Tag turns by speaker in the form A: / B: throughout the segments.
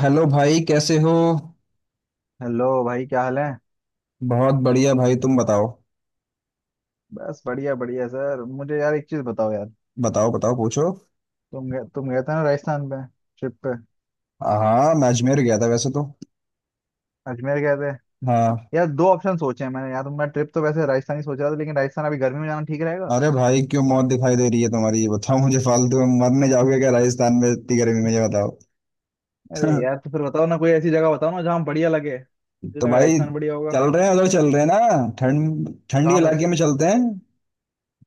A: Hello भाई, कैसे हो।
B: हेलो भाई क्या हाल है।
A: बहुत बढ़िया भाई, तुम बताओ।
B: बस बढ़िया बढ़िया सर मुझे यार एक चीज बताओ यार।
A: बताओ बताओ, पूछो।
B: तुम गए थे ना राजस्थान पे ट्रिप पे।
A: हाँ, मैं अजमेर गया था वैसे तो।
B: अजमेर गए थे।
A: हाँ।
B: यार दो ऑप्शन सोचे हैं मैंने यार तो मैं ट्रिप तो वैसे राजस्थान ही सोच रहा था लेकिन राजस्थान अभी गर्मी में जाना ठीक रहेगा।
A: अरे भाई क्यों, मौत दिखाई दे रही है तुम्हारी? ये बताओ मुझे, फालतू में मरने जाओगे क्या राजस्थान में इतनी गर्मी में? ये बताओ।
B: अरे यार तो फिर बताओ ना कोई ऐसी जगह बताओ ना जहाँ बढ़िया लगे मुझे
A: तो
B: लगा
A: भाई
B: राजस्थान बढ़िया होगा।
A: चल रहे हैं, उधर चल रहे हैं ना। ठंड ठंडी
B: कहाँ पे।
A: इलाके में चलते हैं।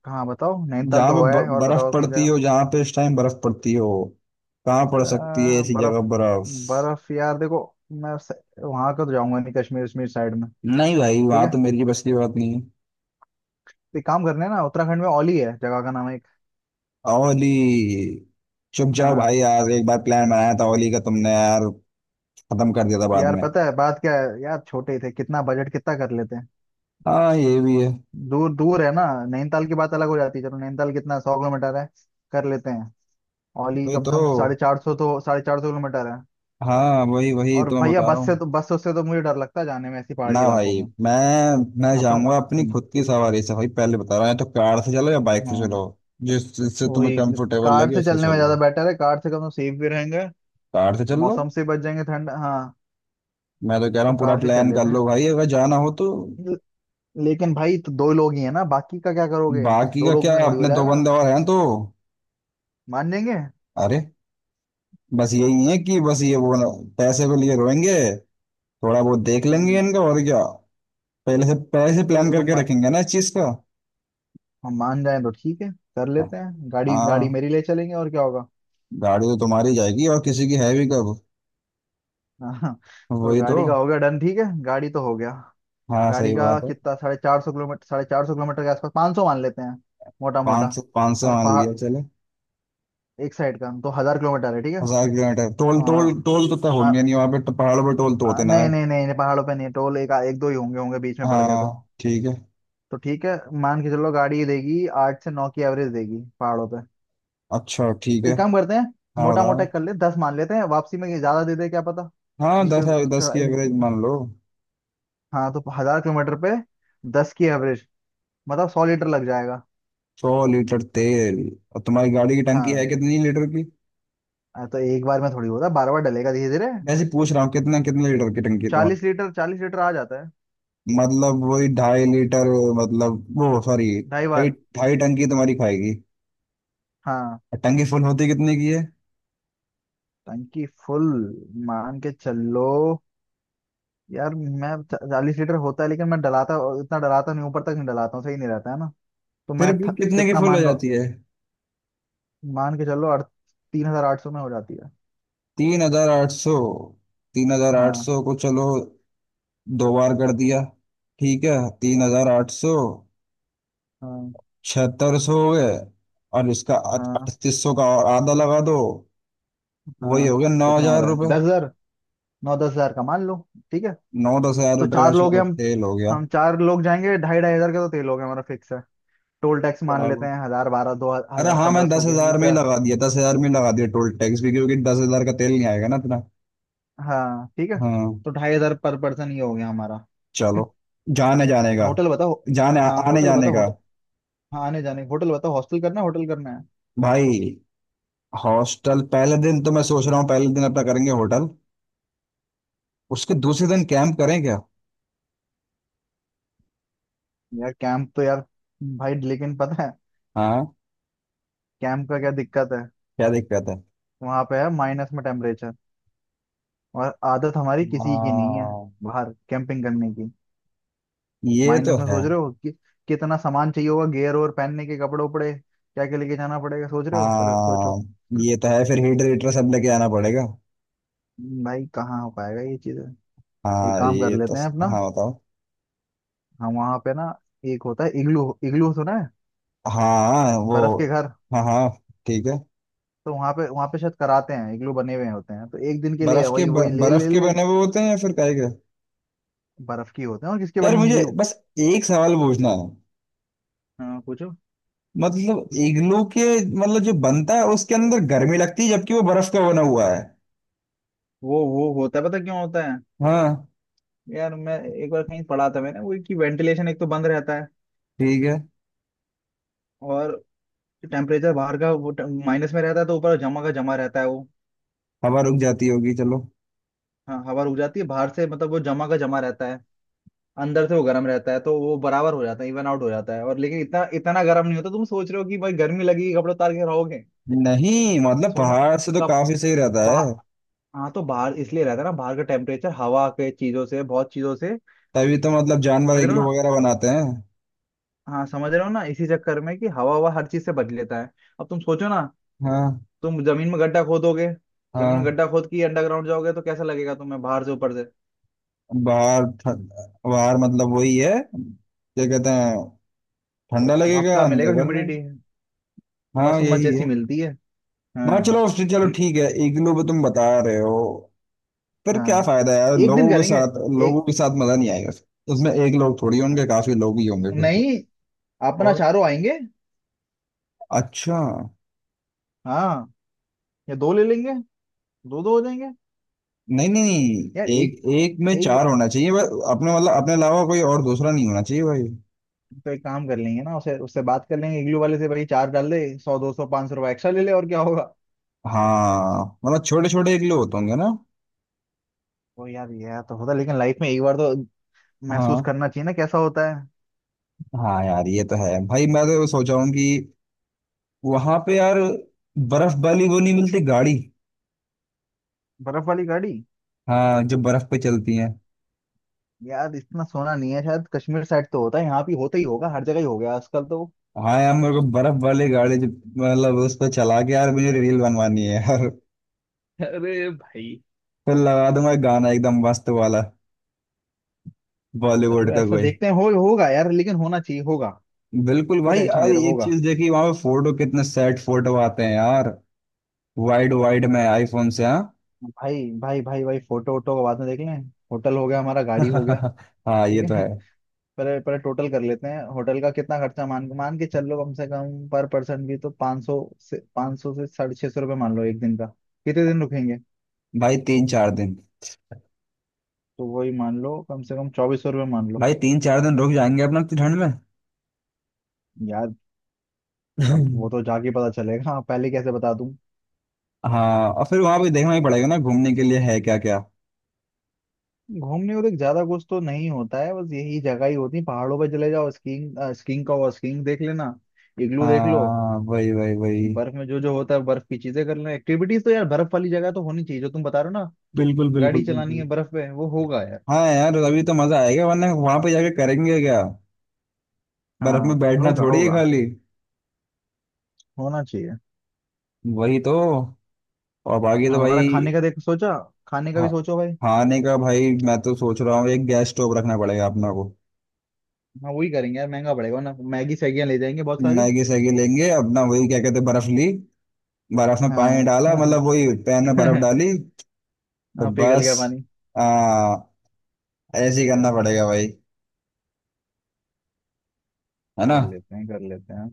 B: कहाँ बताओ नैनीताल
A: जहाँ
B: तो
A: पे
B: हुआ है और बताओ
A: बर्फ
B: और कहीं
A: पड़ती
B: जगह।
A: हो, जहाँ पे इस टाइम बर्फ पड़ती हो। कहाँ पड़ सकती है ऐसी
B: बर्फ
A: जगह बर्फ?
B: बर्फ यार देखो। मैं स... वहां का तो जाऊंगा नहीं कश्मीर वश्मीर साइड में।
A: नहीं भाई,
B: ठीक
A: वहां
B: है।
A: तो मेरी बस की बात नहीं।
B: तो एक काम करने हैं ना उत्तराखंड में औली है जगह का नाम एक।
A: ओली। चुप जाओ
B: हाँ।
A: भाई यार, एक बार प्लान बनाया था ओली का तुमने यार। खत्म कर दिया था बाद
B: यार
A: में।
B: पता है बात क्या है यार छोटे ही थे कितना बजट कितना कर लेते हैं।
A: हाँ ये भी है।
B: दूर दूर है ना। नैनीताल की बात अलग हो जाती है चलो नैनीताल कितना सौ किलोमीटर है कर लेते हैं। औली
A: वही
B: कम से
A: तो।
B: कम साढ़े चार सौ तो साढ़े चार सौ किलोमीटर है।
A: हाँ वही वही
B: और
A: तो मैं
B: भैया
A: बता रहा
B: बस से
A: हूँ।
B: तो बस उससे तो मुझे डर लगता है जाने में ऐसी
A: ना
B: पहाड़ी इलाकों
A: भाई।
B: में।
A: मैं
B: अपने
A: जाऊंगा अपनी खुद की सवारी से भाई, पहले बता रहा हूँ। या तो कार से चलो या बाइक से चलो।
B: हाँ।
A: जिससे तुम्हें
B: वही।
A: कंफर्टेबल
B: कार
A: लगे,
B: से
A: उससे
B: चलने में
A: चल
B: ज्यादा
A: लो।
B: बेटर है कार से कम तो सेफ भी रहेंगे।
A: कार से चल लो।
B: मौसम से बच जाएंगे ठंड हाँ।
A: मैं तो कह रहा
B: तो
A: हूँ पूरा
B: कार से चल
A: प्लान कर
B: लेते हैं।
A: लो भाई, अगर जाना हो तो।
B: ल- लेकिन भाई तो दो लोग ही है ना बाकी का क्या करोगे।
A: बाकी
B: दो
A: का
B: लोग
A: क्या?
B: में थोड़ी हो
A: अपने दो
B: जाएगा।
A: बंदे और हैं तो।
B: मान जाएंगे।
A: अरे बस यही है कि बस पैसे के लिए रोएंगे। थोड़ा बहुत देख लेंगे इनका, और क्या। पहले से
B: चलो
A: प्लान
B: अगर
A: करके रखेंगे ना इस चीज का।
B: हम मान जाए तो ठीक है। कर लेते हैं गाड़ी गाड़ी
A: हाँ।
B: मेरी ले चलेंगे और क्या होगा।
A: गाड़ी तो तुम्हारी जाएगी, और किसी की है भी कब।
B: हाँ। तो
A: वही तो।
B: गाड़ी का हो गया डन ठीक है गाड़ी तो हो गया।
A: हाँ
B: गाड़ी
A: सही
B: का
A: बात है।
B: कितना 450 किलोमीटर साढ़े चार सौ किलोमीटर के आसपास 500 मान लेते हैं मोटा
A: पाँच
B: मोटा।
A: सौ 500
B: और
A: मान
B: पहाड़
A: लिया चले।
B: एक साइड का तो 1000 किलोमीटर है ठीक है।
A: 1000 किलोमीटर।
B: आ,
A: टोल टोल टोल तो तय
B: आ,
A: होंगे नहीं वहाँ पे तो, पहाड़ों पे टोल तो होते
B: आ,
A: ना है।
B: नहीं नहीं नहीं नहीं, पहाड़ों पे नहीं टोल एक एक दो ही होंगे होंगे बीच में पड़ गया
A: हाँ
B: तो।
A: ठीक है।
B: तो ठीक है। मान के चलो गाड़ी देगी 8 से 9 की एवरेज देगी पहाड़ों पे।
A: अच्छा ठीक है।
B: एक काम करते हैं।
A: हाँ
B: मोटा मोटा
A: बताओ।
B: कर ले 10 मान लेते हैं वापसी में ये ज्यादा दे दे क्या पता।
A: हाँ
B: नीचे
A: दस है,
B: उत-
A: 10
B: चढ़ा
A: की
B: इन-
A: एवरेज मान लो।
B: हाँ तो 1000 किलोमीटर पे 10 की एवरेज मतलब 100 लीटर लग जाएगा।
A: 100 लीटर तेल। और तुम्हारी गाड़ी की टंकी है
B: हाँ।
A: कितनी लीटर की?
B: तो एक बार में थोड़ी होता बार बार डलेगा धीरे धीरे।
A: ऐसे पूछ रहा हूँ, कितना कितने लीटर की टंकी है।
B: 40 लीटर 40 लीटर आ जाता है।
A: मतलब वही 2.5 लीटर। मतलब वो सॉरी
B: ढाई
A: ढाई।
B: बार।
A: ढाई टन की तुम्हारी खाएगी।
B: हाँ।
A: और टंकी फुल होती कितने की है?
B: टंकी फुल मान के चलो यार मैं 40 लीटर होता है लेकिन मैं डलाता इतना डलाता नहीं ऊपर तक नहीं डलाता हूँ सही नहीं रहता है ना तो
A: फिर भी कितने की
B: कितना
A: फुल हो
B: मान लो।
A: जाती है?
B: मान के चलो अड़ 3800 में हो जाती है।
A: 3800। तीन हजार आठ
B: हाँ
A: सौ को चलो। दो बार कर दिया, ठीक है। 3800।
B: हाँ
A: 7600 हो गए। और इसका
B: हाँ
A: 3800 का और आधा लगा दो। वही
B: हाँ।
A: हो गया नौ
B: कितना हो
A: हजार
B: रहा है
A: रुपये
B: 10000 नौ 10000 का मान लो ठीक है।
A: नौ दस हजार
B: तो
A: रुपये का,
B: चार लोग हैं
A: चलो
B: हम।
A: तेल हो गया।
B: हम चार लोग जाएंगे ढाई 2500 का तो तेल हो गया हमारा फिक्स है। टोल टैक्स मान लेते
A: चलो।
B: हैं हजार बारह दो
A: अरे
B: हजार
A: हाँ,
B: पंद्रह
A: मैं
B: सौ
A: दस
B: हो गया
A: हजार में ही
B: इससे।
A: लगा दिया, 10,000 में ही लगा दिया टोल टैक्स भी, क्योंकि 10,000 का तेल नहीं आएगा ना इतना।
B: हाँ ठीक है।
A: हाँ।
B: तो 2500 पर पर्सन ये हो गया हमारा।
A: चलो। जाने जाने का
B: होटल बताओ।
A: जाने
B: हाँ
A: आने
B: होटल
A: जाने
B: बताओ
A: का।
B: होटल। हाँ आने जाने होटल बताओ हॉस्टल करना है होटल करना है।
A: भाई, हॉस्टल पहले दिन तो मैं सोच रहा हूँ, पहले दिन अपना करेंगे होटल। उसके दूसरे दिन कैंप करें क्या?
B: यार कैंप तो यार भाई लेकिन पता है
A: हाँ।
B: कैंप का क्या दिक्कत है।
A: क्या दिक्कत है?
B: वहां पे है माइनस में टेम्परेचर और आदत हमारी किसी की नहीं है
A: हाँ
B: बाहर कैंपिंग करने की।
A: ये तो
B: माइनस में
A: है।
B: सोच रहे हो कि कितना सामान चाहिए होगा गियर और पहनने के कपड़े उपड़े क्या क्या लेके जाना पड़ेगा सोच रहे हो पहले
A: हाँ
B: सोचो।
A: ये तो है। फिर हीटर हीटर सब लेके आना पड़ेगा।
B: भाई कहाँ हो पाएगा ये चीज। एक
A: हाँ
B: काम कर
A: ये तो।
B: लेते हैं अपना।
A: हाँ बताओ।
B: हम वहाँ पे ना एक होता है इग्लू इग्लू सुना है।
A: हाँ वो।
B: बर्फ के घर।
A: हाँ हाँ। ठीक है।
B: तो वहाँ पे शायद कराते हैं इग्लू बने हुए होते हैं तो एक दिन के लिए वही वही ले
A: बर्फ
B: ले
A: के
B: ले।
A: बने हुए होते हैं या फिर काहे के?
B: बर्फ की होते हैं और किसके
A: यार
B: बनेंगे
A: मुझे
B: इग्लू।
A: बस एक सवाल पूछना है।
B: हाँ पूछो।
A: मतलब इग्लू के, मतलब जो बनता है उसके अंदर गर्मी लगती है जबकि वो बर्फ का बना हुआ है।
B: वो होता है पता क्यों होता है।
A: हाँ।
B: यार मैं एक बार कहीं पढ़ा था मैंने वो कि वेंटिलेशन एक तो बंद रहता है।
A: ठीक है।
B: और टेम्परेचर बाहर का वो माइनस में रहता है तो ऊपर जमा का जमा रहता है वो।
A: हवा रुक जाती होगी, चलो।
B: हाँ हवा रुक जाती है बाहर से मतलब वो जमा का जमा रहता है अंदर से वो गर्म रहता है तो वो बराबर हो जाता है इवन आउट हो जाता है और लेकिन इतना इतना गर्म नहीं होता तुम सोच रहे हो कि भाई गर्मी लगेगी कपड़े उतार के रहोगे।
A: नहीं मतलब
B: सोना।
A: पहाड़ से तो
B: कप।
A: काफी सही रहता है।
B: बाहर। हाँ तो बाहर इसलिए रहता है ना बाहर का टेम्परेचर हवा के चीजों से बहुत चीजों से
A: तभी तो मतलब जानवर
B: समझ रहे हो
A: इग्लू
B: ना।
A: वगैरह बनाते हैं।
B: हाँ समझ रहे हो ना इसी चक्कर में कि हवा हवा हर चीज से बच लेता है। अब तुम सोचो ना।
A: हाँ।
B: तुम जमीन में गड्ढा खोदोगे जमीन में
A: हाँ।
B: गड्ढा खोद के अंडरग्राउंड जाओगे तो कैसा लगेगा तुम्हें बाहर से ऊपर से।
A: बाहर ठंड- बाहर मतलब वही है, क्या कहते हैं। ठंडा
B: भाप
A: लगेगा,
B: का
A: अंदर
B: मिलेगा
A: गर्मी।
B: ह्यूमिडिटी
A: हाँ
B: मस्त उम्मस
A: यही
B: जैसी
A: है।
B: मिलती है।
A: मैं
B: हाँ
A: चलो। चलो ठीक है, इग्लू पे तुम बता रहे हो। फिर क्या
B: हाँ
A: फायदा यार,
B: एक दिन करेंगे
A: लोगों
B: एक
A: के साथ मजा नहीं आएगा फिर उसमें। एक लोग थोड़ी होंगे, काफी लोग ही होंगे फिर तो।
B: नहीं अपना
A: और।
B: चारों आएंगे।
A: अच्छा।
B: हाँ या दो ले लेंगे दो दो हो जाएंगे।
A: नहीं नहीं
B: यार
A: नहीं,
B: एक
A: एक एक में
B: एक बा-
A: चार होना चाहिए बस अपने, मतलब अपने अलावा कोई और दूसरा नहीं होना चाहिए भाई।
B: तो एक काम कर लेंगे ना उसे उससे बात कर लेंगे इग्लू वाले से भाई चार डाल दे 100 200 500 रुपये एक्स्ट्रा ले ले और क्या होगा।
A: हाँ मतलब छोटे छोटे, एक लोग होते होंगे ना।
B: तो यार यह तो होता लेकिन लाइफ में एक बार तो महसूस
A: हाँ।
B: करना चाहिए ना कैसा होता है।
A: हाँ यार ये तो है भाई, मैं तो सोचा हूँ कि वहां पे यार, बर्फ वाली वो नहीं मिलती गाड़ी?
B: बर्फ वाली गाड़ी।
A: हाँ, जो बर्फ पे
B: ये-
A: चलती है।
B: यार इतना सोना नहीं है शायद कश्मीर साइड तो होता है यहाँ भी होता ही होगा हर जगह ही हो गया आजकल तो।
A: हाँ यार मेरे को बर्फ वाली गाड़ी जो, मतलब उस पर चला के यार मुझे रील बनवानी है यार।
B: अरे भाई।
A: फिर लगा दूंगा एक गाना एकदम मस्त वाला,
B: कर
A: बॉलीवुड
B: लो
A: का
B: ऐसा
A: कोई।
B: देखते हैं हो होगा यार लेकिन होना चाहिए होगा।
A: बिल्कुल
B: क्यों
A: भाई
B: टेंशन
A: यार,
B: ले रहे हो
A: एक
B: होगा।
A: चीज देखी वहां पे, फोटो कितने सेट फोटो आते हैं यार। वाइड वाइड में आईफोन से, हाँ।
B: भाई भाई भाई भाई फोटो वोटो का बाद में देख लें। होटल हो गया हमारा गाड़ी हो गया
A: हाँ
B: ठीक
A: ये तो
B: है।
A: है।
B: पहले पहले टोटल कर लेते हैं होटल का कितना खर्चा मान मान के चल लो कम से कम पर पर्सन भी तो 500 से 500 से 650 रुपये मान लो एक दिन का। कितने दिन रुकेंगे।
A: भाई 3-4 दिन।
B: तो वही मान लो कम से कम 2400 रुपये मान लो।
A: भाई तीन चार दिन रुक जाएंगे अपना इतनी ठंड में।
B: यार अब वो तो जाके पता चलेगा पहले कैसे बता।
A: हाँ और फिर वहां पे देखना ही पड़ेगा ना, घूमने के लिए है क्या क्या।
B: घूमने को देख ज्यादा कुछ तो नहीं होता है बस यही जगह ही होती है पहाड़ों पर चले जाओ स्कीइंग स्कीइंग का हुआ स्कीइंग देख लेना इग्लू देख लो।
A: हाँ वही वही वही।
B: बर्फ में जो जो होता है बर्फ की चीजें कर लेना एक्टिविटीज तो यार बर्फ वाली जगह तो होनी चाहिए जो तुम बता रहे हो ना।
A: बिल्कुल
B: गाड़ी
A: बिल्कुल
B: चलानी
A: बिल्कुल।
B: है बर्फ पे वो होगा यार।
A: हाँ यार, अभी तो मजा आएगा, वरना वहां पे जाके करेंगे क्या। बर्फ में
B: हाँ
A: बैठना
B: होगा
A: थोड़ी है
B: होगा
A: खाली।
B: होना चाहिए।
A: वही तो। और बाकी तो
B: हमारा खाने
A: भाई।
B: का देख सोचा। खाने का
A: खा-
B: भी सोचो भाई।
A: खाने का भाई, मैं तो सोच रहा हूँ एक गैस स्टोव रखना पड़ेगा अपना को।
B: हाँ वही करेंगे यार महंगा पड़ेगा ना मैगी सैगियां ले जाएंगे बहुत सारी।
A: मैगी सैगी लेंगे अपना, वही क्या कहते हैं, बर्फ ली। बर्फ में पानी
B: हाँ
A: डाला, मतलब वही पैन में बर्फ डाली। तो
B: हाँ पिघल
A: बस
B: गया पानी।
A: आ, ऐसे ही करना
B: हम्म,
A: पड़ेगा भाई, है ना।
B: कर लेते हैं कर लेते हैं।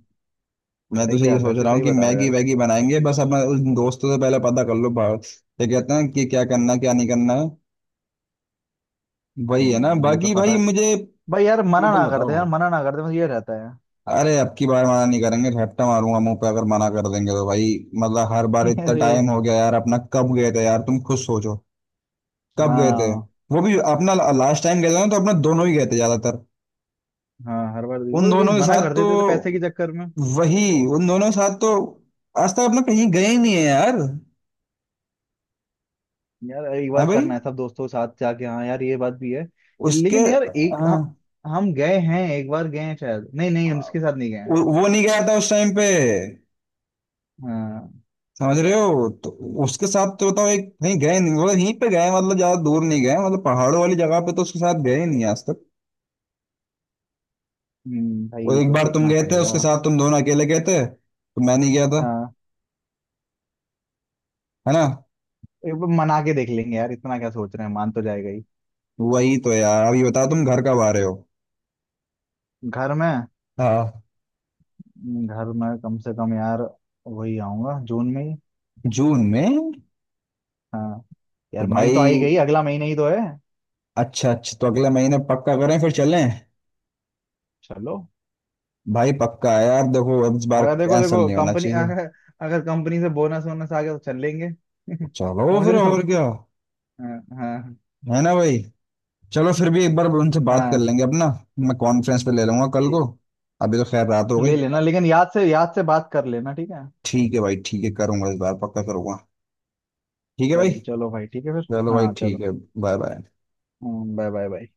A: मैं तो
B: सही
A: सही
B: है
A: ये
B: आप
A: सोच
B: ऐसे
A: रहा हूँ
B: सही
A: कि
B: बता रहे हो
A: मैगी
B: यार।
A: वैगी बनाएंगे बस अपना, उस दोस्तों से पहले पता कर लो बाहर, ये कहते हैं कि क्या करना क्या नहीं करना है। वही है ना।
B: यार, ये तो
A: बाकी भाई
B: पता
A: मुझे,
B: भाई यार मना
A: टोटल
B: ना कर दे
A: बताओ।
B: यार मना ना कर दे बस ये रहता है।
A: अरे अब की बार मना नहीं करेंगे, झपटा मारूंगा मुंह पे अगर मना कर देंगे तो भाई। मतलब हर बार इतना
B: अरे
A: टाइम हो गया यार, अपना कब गए थे यार तुम खुद सोचो। कब गए थे?
B: हाँ।
A: वो भी अपना लास्ट टाइम गए थे ना, तो अपना दोनों ही गए थे ज्यादातर
B: हाँ हर बार वही
A: उन
B: वही
A: दोनों के
B: मना
A: साथ
B: कर
A: तो।
B: देते थे पैसे के चक्कर में।
A: वही। उन दोनों के साथ तो आज तक अपना कहीं गए ही नहीं है यार।
B: यार एक
A: हाँ
B: बार
A: भाई।
B: करना है सब दोस्तों के साथ जाके हाँ यार ये बात भी है
A: उसके,
B: लेकिन यार एक
A: हाँ।
B: हम गए हैं एक बार गए हैं शायद नहीं नहीं हम इसके साथ नहीं गए हैं।
A: वो नहीं गया था उस टाइम पे,
B: हाँ।
A: समझ रहे हो तो। उसके साथ तो बताओ एक कहीं गए नहीं, मतलब यहीं पे गए, मतलब ज्यादा दूर नहीं गए, मतलब पहाड़ों वाली जगह पे तो उसके साथ गए ही नहीं आज तक।
B: भाई
A: वो
B: ये
A: एक
B: तो
A: बार तुम
B: देखना
A: गए थे
B: पड़ेगा।
A: उसके साथ, तुम दोनों अकेले गए थे तो मैं नहीं गया था।
B: हाँ
A: है ना।
B: एक बार मना के देख लेंगे यार इतना क्या सोच रहे हैं मान तो जाएगा ही।
A: वही तो यार। अब ये बताओ तुम घर कब आ रहे हो?
B: घर में।
A: हाँ।
B: घर में कम से कम यार वही आऊंगा जून में ही।
A: जून में?
B: हाँ।
A: तो
B: यार मई तो आ
A: भाई
B: ही गई अगला महीना ही तो है।
A: अच्छा अच्छा, तो अगले महीने पक्का करें, फिर चलें।
B: चलो।
A: भाई पक्का है यार, देखो अब इस बार
B: अगर देखो
A: कैंसिल
B: देखो
A: नहीं होना
B: कंपनी
A: चाहिए।
B: अगर, अगर कंपनी से बोनस वोनस आ गया तो चल लेंगे
A: चलो
B: समझ
A: फिर,
B: रहे
A: और
B: हो।
A: क्या।
B: हाँ हाँ
A: है ना भाई। चलो फिर भी एक बार उनसे बात कर
B: हाँ
A: लेंगे अपना। मैं कॉन्फ्रेंस पे ले लूंगा कल
B: ठीक।
A: को। अभी तो खैर रात हो गई।
B: ले लेना लेकिन याद से बात कर लेना ठीक है।
A: ठीक है भाई, ठीक है, करूंगा इस बार पक्का करूंगा। ठीक है भाई।
B: चल चलो भाई ठीक है फिर।
A: चलो भाई,
B: हाँ
A: ठीक
B: चलो।
A: है। Bye bye.
B: Bye bye bye.